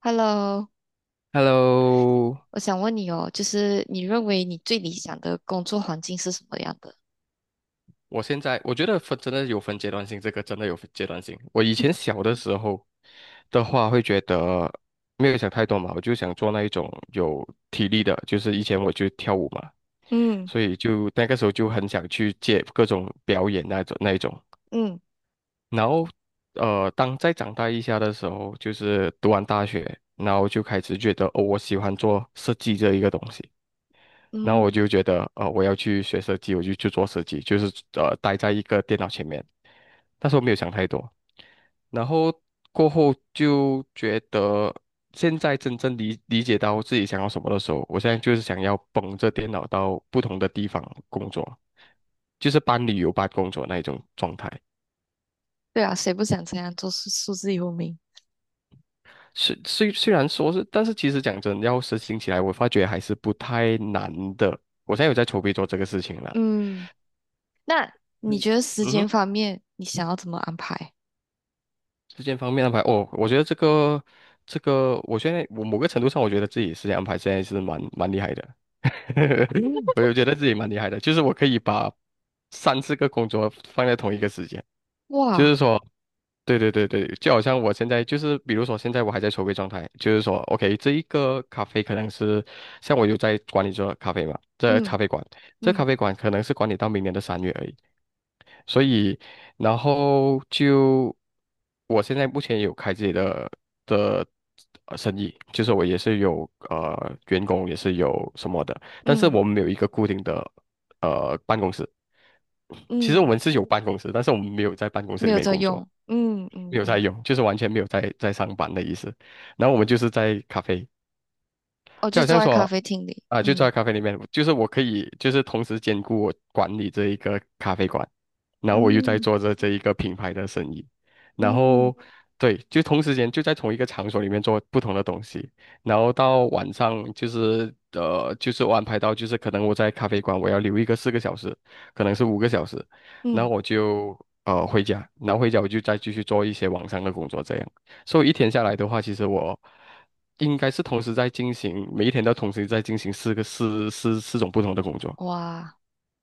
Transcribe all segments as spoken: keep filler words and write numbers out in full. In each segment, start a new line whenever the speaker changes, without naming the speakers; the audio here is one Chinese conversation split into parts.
Hello，
Hello，
我想问你哦，就是你认为你最理想的工作环境是什么样的？
我现在我觉得分真的有分阶段性，这个真的有分阶段性。我以前小的时候的话，会觉得没有想太多嘛，我就想做那一种有体力的，就是以前我就跳舞嘛，
嗯
所以就那个时候就很想去接各种表演那种那一种。
嗯
然后呃，当再长大一下的时候，就是读完大学，然后就开始觉得哦，我喜欢做设计这一个东西。然后
嗯，
我就觉得，呃，我要去学设计，我就去做设计，就是呃，待在一个电脑前面。但是我没有想太多，然后过后就觉得，现在真正理理解到自己想要什么的时候，我现在就是想要捧着电脑到不同的地方工作，就是搬旅游搬工作那一种状态。
对啊，谁不想这样做数数字游民？
虽虽虽然说是，但是其实讲真，要实行起来，我发觉还是不太难的。我现在有在筹备做这个事情了。
嗯那你
嗯，
觉得时
嗯哼。
间方面，你想要怎么安排？
时间方面安排，哦，我觉得这个这个，我现在我某个程度上，我觉得自己时间安排现在是蛮蛮厉害的，我就觉得自己蛮厉害的，就是我可以把三四个工作放在同一个时间，就是
哇，
说，对对对对，就好像我现在就是，比如说现在我还在筹备状态，就是说，OK，这一个咖啡可能是像我有在管理这咖啡嘛，这
嗯
咖啡馆，这咖
嗯
啡馆可能是管理到明年的三月而已，所以然后就。我现在目前有开自己的的呃生意，就是我也是有呃员工，也是有什么的，但是
嗯
我们没有一个固定的呃办公室。其实我
嗯
们是有办公室，但是我们没有在办公室
没
里
有
面
在
工作，
用，嗯嗯
没有在
嗯
用，就是完全没有在在上班的意思。然后我们就是在咖啡。
我
就
就
好
坐
像
在咖
说
啡厅里。
啊，就坐
嗯，
在咖啡里面，就是我可以就是同时兼顾我管理这一个咖啡馆，然后我又在
嗯
做着这一个品牌的生意，然
嗯
后对，就同时间就在同一个场所里面做不同的东西，然后到晚上就是呃就是我安排到就是可能我在咖啡馆我要留一个四个小时，可能是五个小时，然
嗯，
后我就呃回家，然后回家我就再继续做一些网上的工作这样。所以一天下来的话，其实我应该是同时在进行，每一天都同时在进行四个四四四种不同的工作。
哇，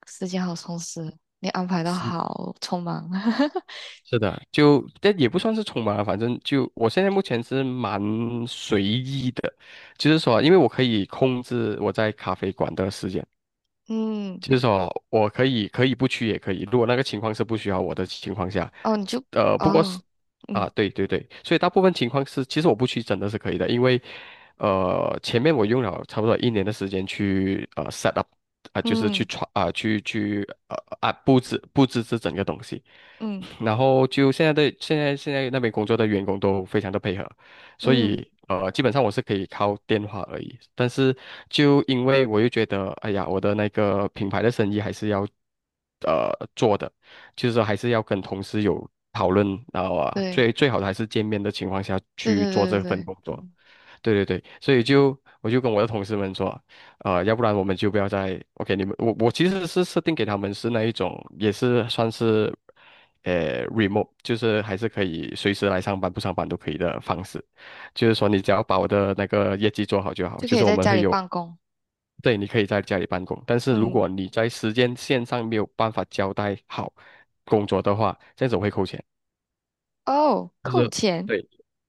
时间好充实，你安排的好匆忙。
是的，就但也不算是匆忙啊，反正就我现在目前是蛮随意的，就是说，因为我可以控制我在咖啡馆的时间。
嗯。
就是说，我可以可以不去也可以，如果那个情况是不需要我的情况下，
哦，你就
呃，不过是
哦，嗯
啊，对对对，所以大部分情况是，其实我不去真的是可以的，因为呃，前面我用了差不多一年的时间去呃 set up 啊、就是去
嗯
传啊、去去呃啊布置布置这整个东西，
嗯
然后就现在的现在现在那边工作的员工都非常的配合。所
嗯，
以呃，基本上我是可以靠电话而已。但是就因为我又觉得，哎呀，我的那个品牌的生意还是要呃做的，就是说还是要跟同事有讨论，然后啊，
对
最最好的还是见面的情况下
对
去
对
做
对对
这份
对，
工作。
嗯
对对对，所以就我就跟我的同事们说，呃，要不然我们就不要再 OK，你们我我其实是设定给他们是那一种，也是算是呃 remote，就是还是可以随时来上班不上班都可以的方式，就是说你只要把我的那个业绩做好就好，
就可
就
以
是我
在
们
家
会
里
有。
办公。
对，你可以在家里办公，但是如
嗯，
果你在时间线上没有办法交代好工作的话，这样子我会扣钱。
哦，
就
扣
是
钱。
对，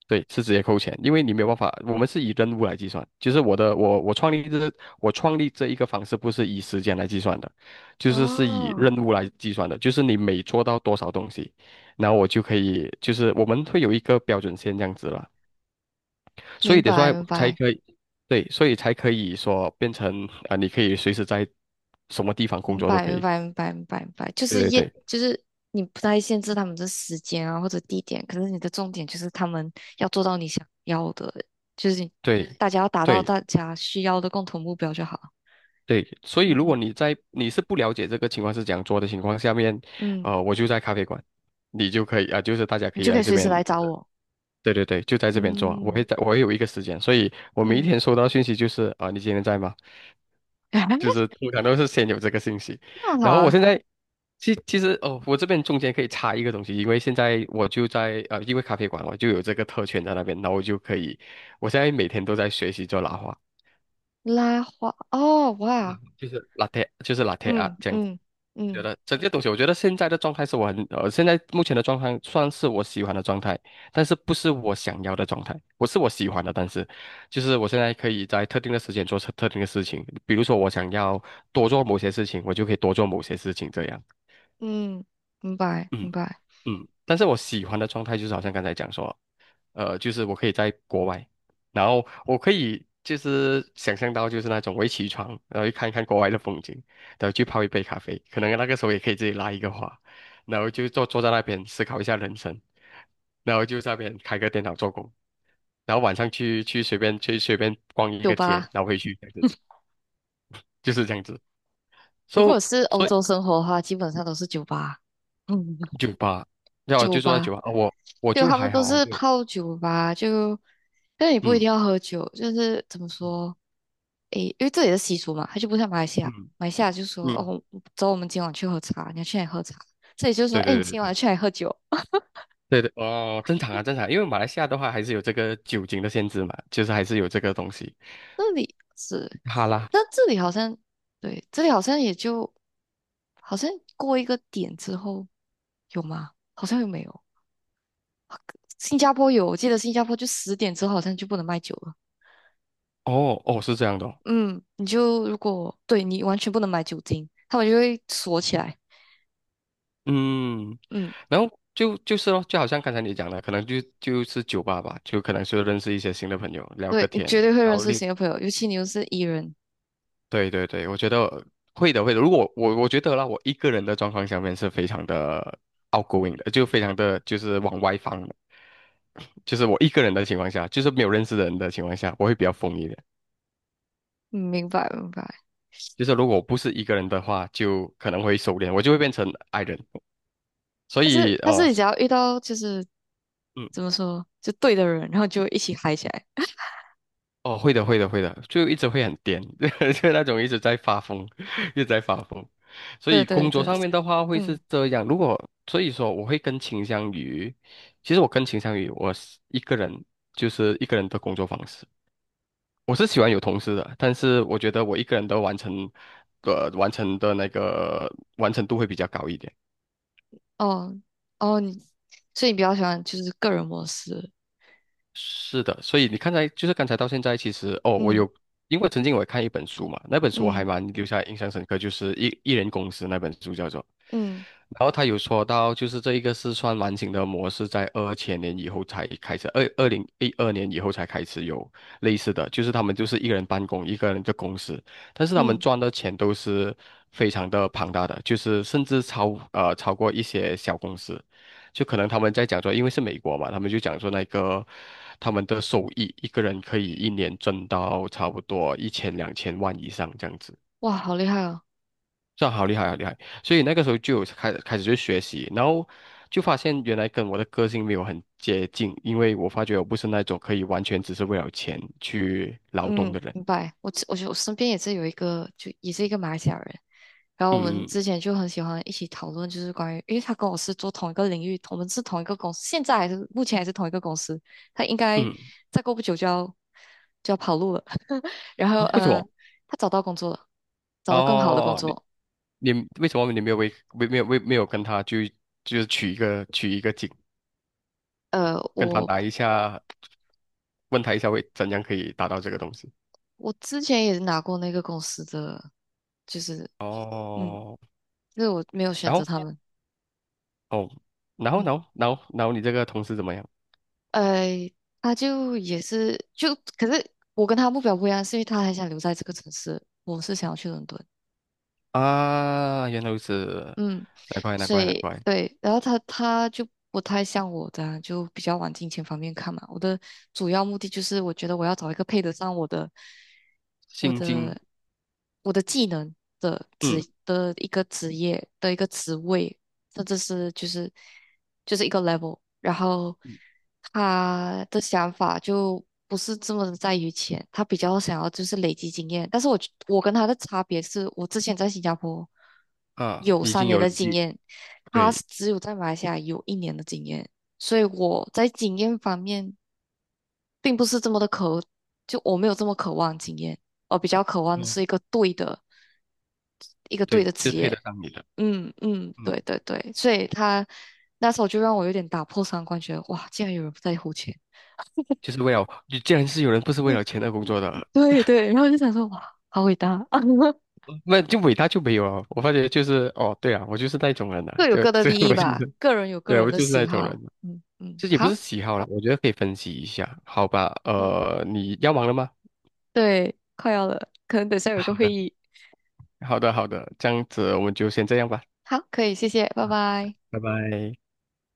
对，是直接扣钱，因为你没有办法，我们是以任务来计算，就是我的我我创立这我创立这一个方式不是以时间来计算的，就是是以
哦，
任务来计算的，就是你每做到多少东西，然后我就可以，就是我们会有一个标准线这样子了，所
明
以得说
白明
才
白
可以，对，所以才可以说变成啊、呃你可以随时在什么地方工
明
作都
白
可
明
以，
白明白明白明白就
对
是
对
业
对
就是你不太限制他们的时间啊或者地点，可是你的重点就是他们要做到你想要的，就是你
对。
大家要达到
对
大家需要的共同目标就好。
对，所以如果
嗯
你在你是不了解这个情况是怎样做的情况下面，
嗯，
呃，我就在咖啡馆，你就可以啊、就是大家
你
可以
就可
来
以
这
随时
边，
来找我。
对对对，就在这边做，我
嗯
会在，我会有一个时间，所以我每一
嗯。
天收到信息就是啊、你今天在吗？就是 通常都是先有这个信息，
棒好
然后我现
啊，
在其其实哦，我这边中间可以插一个东西，因为现在我就在呃，因为咖啡馆我就有这个特权在那边，然后我就可以，我现在每天都在学习做拉花，
拉花哦，
嗯
哇，
就是 l a 就是 l a 啊
嗯
这样
嗯
觉
嗯
得这个东西，我觉得现在的状态是我很呃，现在目前的状态算是我喜欢的状态，但是不是我想要的状态，不是我喜欢的，但是就是我现在可以在特定的时间做特特定的事情，比如说我想要多做某些事情，我就可以多做某些事情这样，
嗯，明白明
嗯
白。
嗯，但是我喜欢的状态就是好像刚才讲说，呃，就是我可以在国外，然后我可以就是想象到就是那种我一起床，然后去看一看国外的风景，然后去泡一杯咖啡，可能那个时候也可以自己拉一个花，然后就坐坐在那边思考一下人生，然后就在那边开个电脑做工，然后晚上去去随便去随便逛一
酒
个街，
吧，
然后回去这样子，就是这样子。
如
So
果是欧
所以
洲生活的话，基本上都是酒吧。嗯，
酒 吧，要
酒
就坐在
吧，
酒吧，呃我我
就
就
他们
还
都
好，
是
没有，
泡酒吧，就但也不一
嗯
定要喝酒，就是怎么
嗯
说，诶，因为这里的习俗嘛，它就不像马来西亚，马来西亚就说
嗯，嗯
哦，走，我们今晚去喝茶，你要去哪里喝茶？这里就说，
对
哎，你
对
今晚
对。
去哪里喝酒？
对对，哦，正常啊，正常啊，因为马来西亚的话还是有这个酒精的限制嘛，就是还是有这个东西。
这里是，
好啦，
但这里好像对，这里好像也就。好像过一个点之后有吗？好像又没有。新加坡有，我记得新加坡就十点之后好像就不能卖酒了。
哦哦，是这样的哦
嗯，你就如果对你完全不能买酒精，他们就会锁起来。
嗯，
嗯，
然后就就是咯，就好像刚才你讲的，可能就就是酒吧吧，就可能是认识一些新的朋友，聊个
对，你
天，
绝对会
然
认
后
识
另，
新的朋友，尤其你又是 E 人。
对对对，我觉得会的会的。如果我我觉得啦，我一个人的状况下面是非常的 outgoing 的，就非常的就是往外放的，就是我一个人的情况下，就是没有认识的人的情况下，我会比较疯一点。
嗯明白明白。
就是如果不是一个人的话，就可能会收敛，我就会变成 I 人。所
但是
以
但是
哦，
你只要遇到就是
嗯，
怎么说，就对的人，然后就一起嗨起来。
哦，会的，会的，会的，就一直会很颠，就那种一直在发疯，一直在发疯。所
对
以
对
工作
对，
上面的话会是
嗯，
这样。如果所以说，我会更倾向于，其实我更倾向于我是一个人，就是一个人的工作方式。我是喜欢有同事的，但是我觉得我一个人的完成，呃，完成的那个完成度会比较高一点。
哦哦，你所以你比较喜欢就是个人模式。
是的，所以你看才就是刚才到现在，其实哦，我
嗯
有，因为曾经我也看一本书嘛，那本书我
嗯
还蛮留下印象深刻，就是一艺人公司那本书叫做。
嗯
然后他有说到，就是这一个四川完型的模式，在二千年以后才开始，二二零一二年以后才开始有类似的，就是他们就是一个人办公，一个人的公司，但是他们
嗯。
赚的钱都是非常的庞大的，就是甚至超呃超过一些小公司，就可能他们在讲说，因为是美国嘛，他们就讲说那个他们的收益，一个人可以一年挣到差不多一千两千万以上这样子。
哇，好厉害哦！
这样好厉害，好厉害！所以那个时候就有开开始去学习，然后就发现原来跟我的个性没有很接近，因为我发觉我不是那种可以完全只是为了钱去劳动
嗯，
的人。
明白。我我觉得我身边也是有一个，就也是一个马来西亚人。然后我们
嗯嗯
之前就很喜欢一起讨论，就是关于，因为他跟我是做同一个领域，我们是同一个公司，现在还是目前还是同一个公司。他应该
嗯
再过不久就要就要跑路了。然后，
啊，为什
嗯，
么？
他找到工作了，找到更好的工
哦，
作。
你你为什么你没有为为没有为没有跟他去就是取一个取一个景，
呃，
跟他
我
打一下，问他一下为怎样可以达到这个东西？
我之前也拿过那个公司的，就是嗯，
哦，
就是我没有选
然
择
后
他们。
哦，然后
嗯。
然后然后然后你这个同事怎么样？
呃，他就也是就，可是我跟他目标不一样，是因为他还想留在这个城市，我是想要去伦敦，
啊，原来如此，
嗯，
难怪难
所
怪难
以
怪，
对，然后他他就不太像我的啊，就比较往金钱方面看嘛。我的主要目的就是，我觉得我要找一个配得上我的我
心经，
的我的技能的职
嗯
的一个职业的一个职位，这这是就是就是一个 level，然后他的想法就不是这么的在于钱，他比较想要就是累积经验。但是我觉我跟他的差别是我之前在新加坡
啊，
有
已
三
经
年
有了
的经
记，
验，他
对，
是只有在马来西亚有一年的经验，所以我在经验方面并不是这么的渴，就我没有这么渴望经验，我比较渴望的
嗯，
是一个对的一个对
对，
的职
就是配
业。
得上你的，
嗯嗯，
嗯，
对对对，所以他那时候就让我有点打破三观，觉得哇，竟然有人不在乎钱。
就是为了，你既然是有人不是为了 钱而工作的，
对对，然后就想说哇，好伟大，
嗯那就伟大就没有了。我发觉就是，哦，对啊，我就是那种人啊，
各有
就
各的
这
利益
我就
吧，
是，
个人有个
对，
人
我
的
就是那
喜
种人，
好。嗯嗯，
这也不是
好，
喜好了，我觉得可以分析一下，好吧？
嗯，
呃，你要忙了吗？
对，快要了，可能等下有个
好
会
的，
议。
好的，好的，这样子我们就先这样吧，
好，可以，谢谢，拜拜。
拜拜。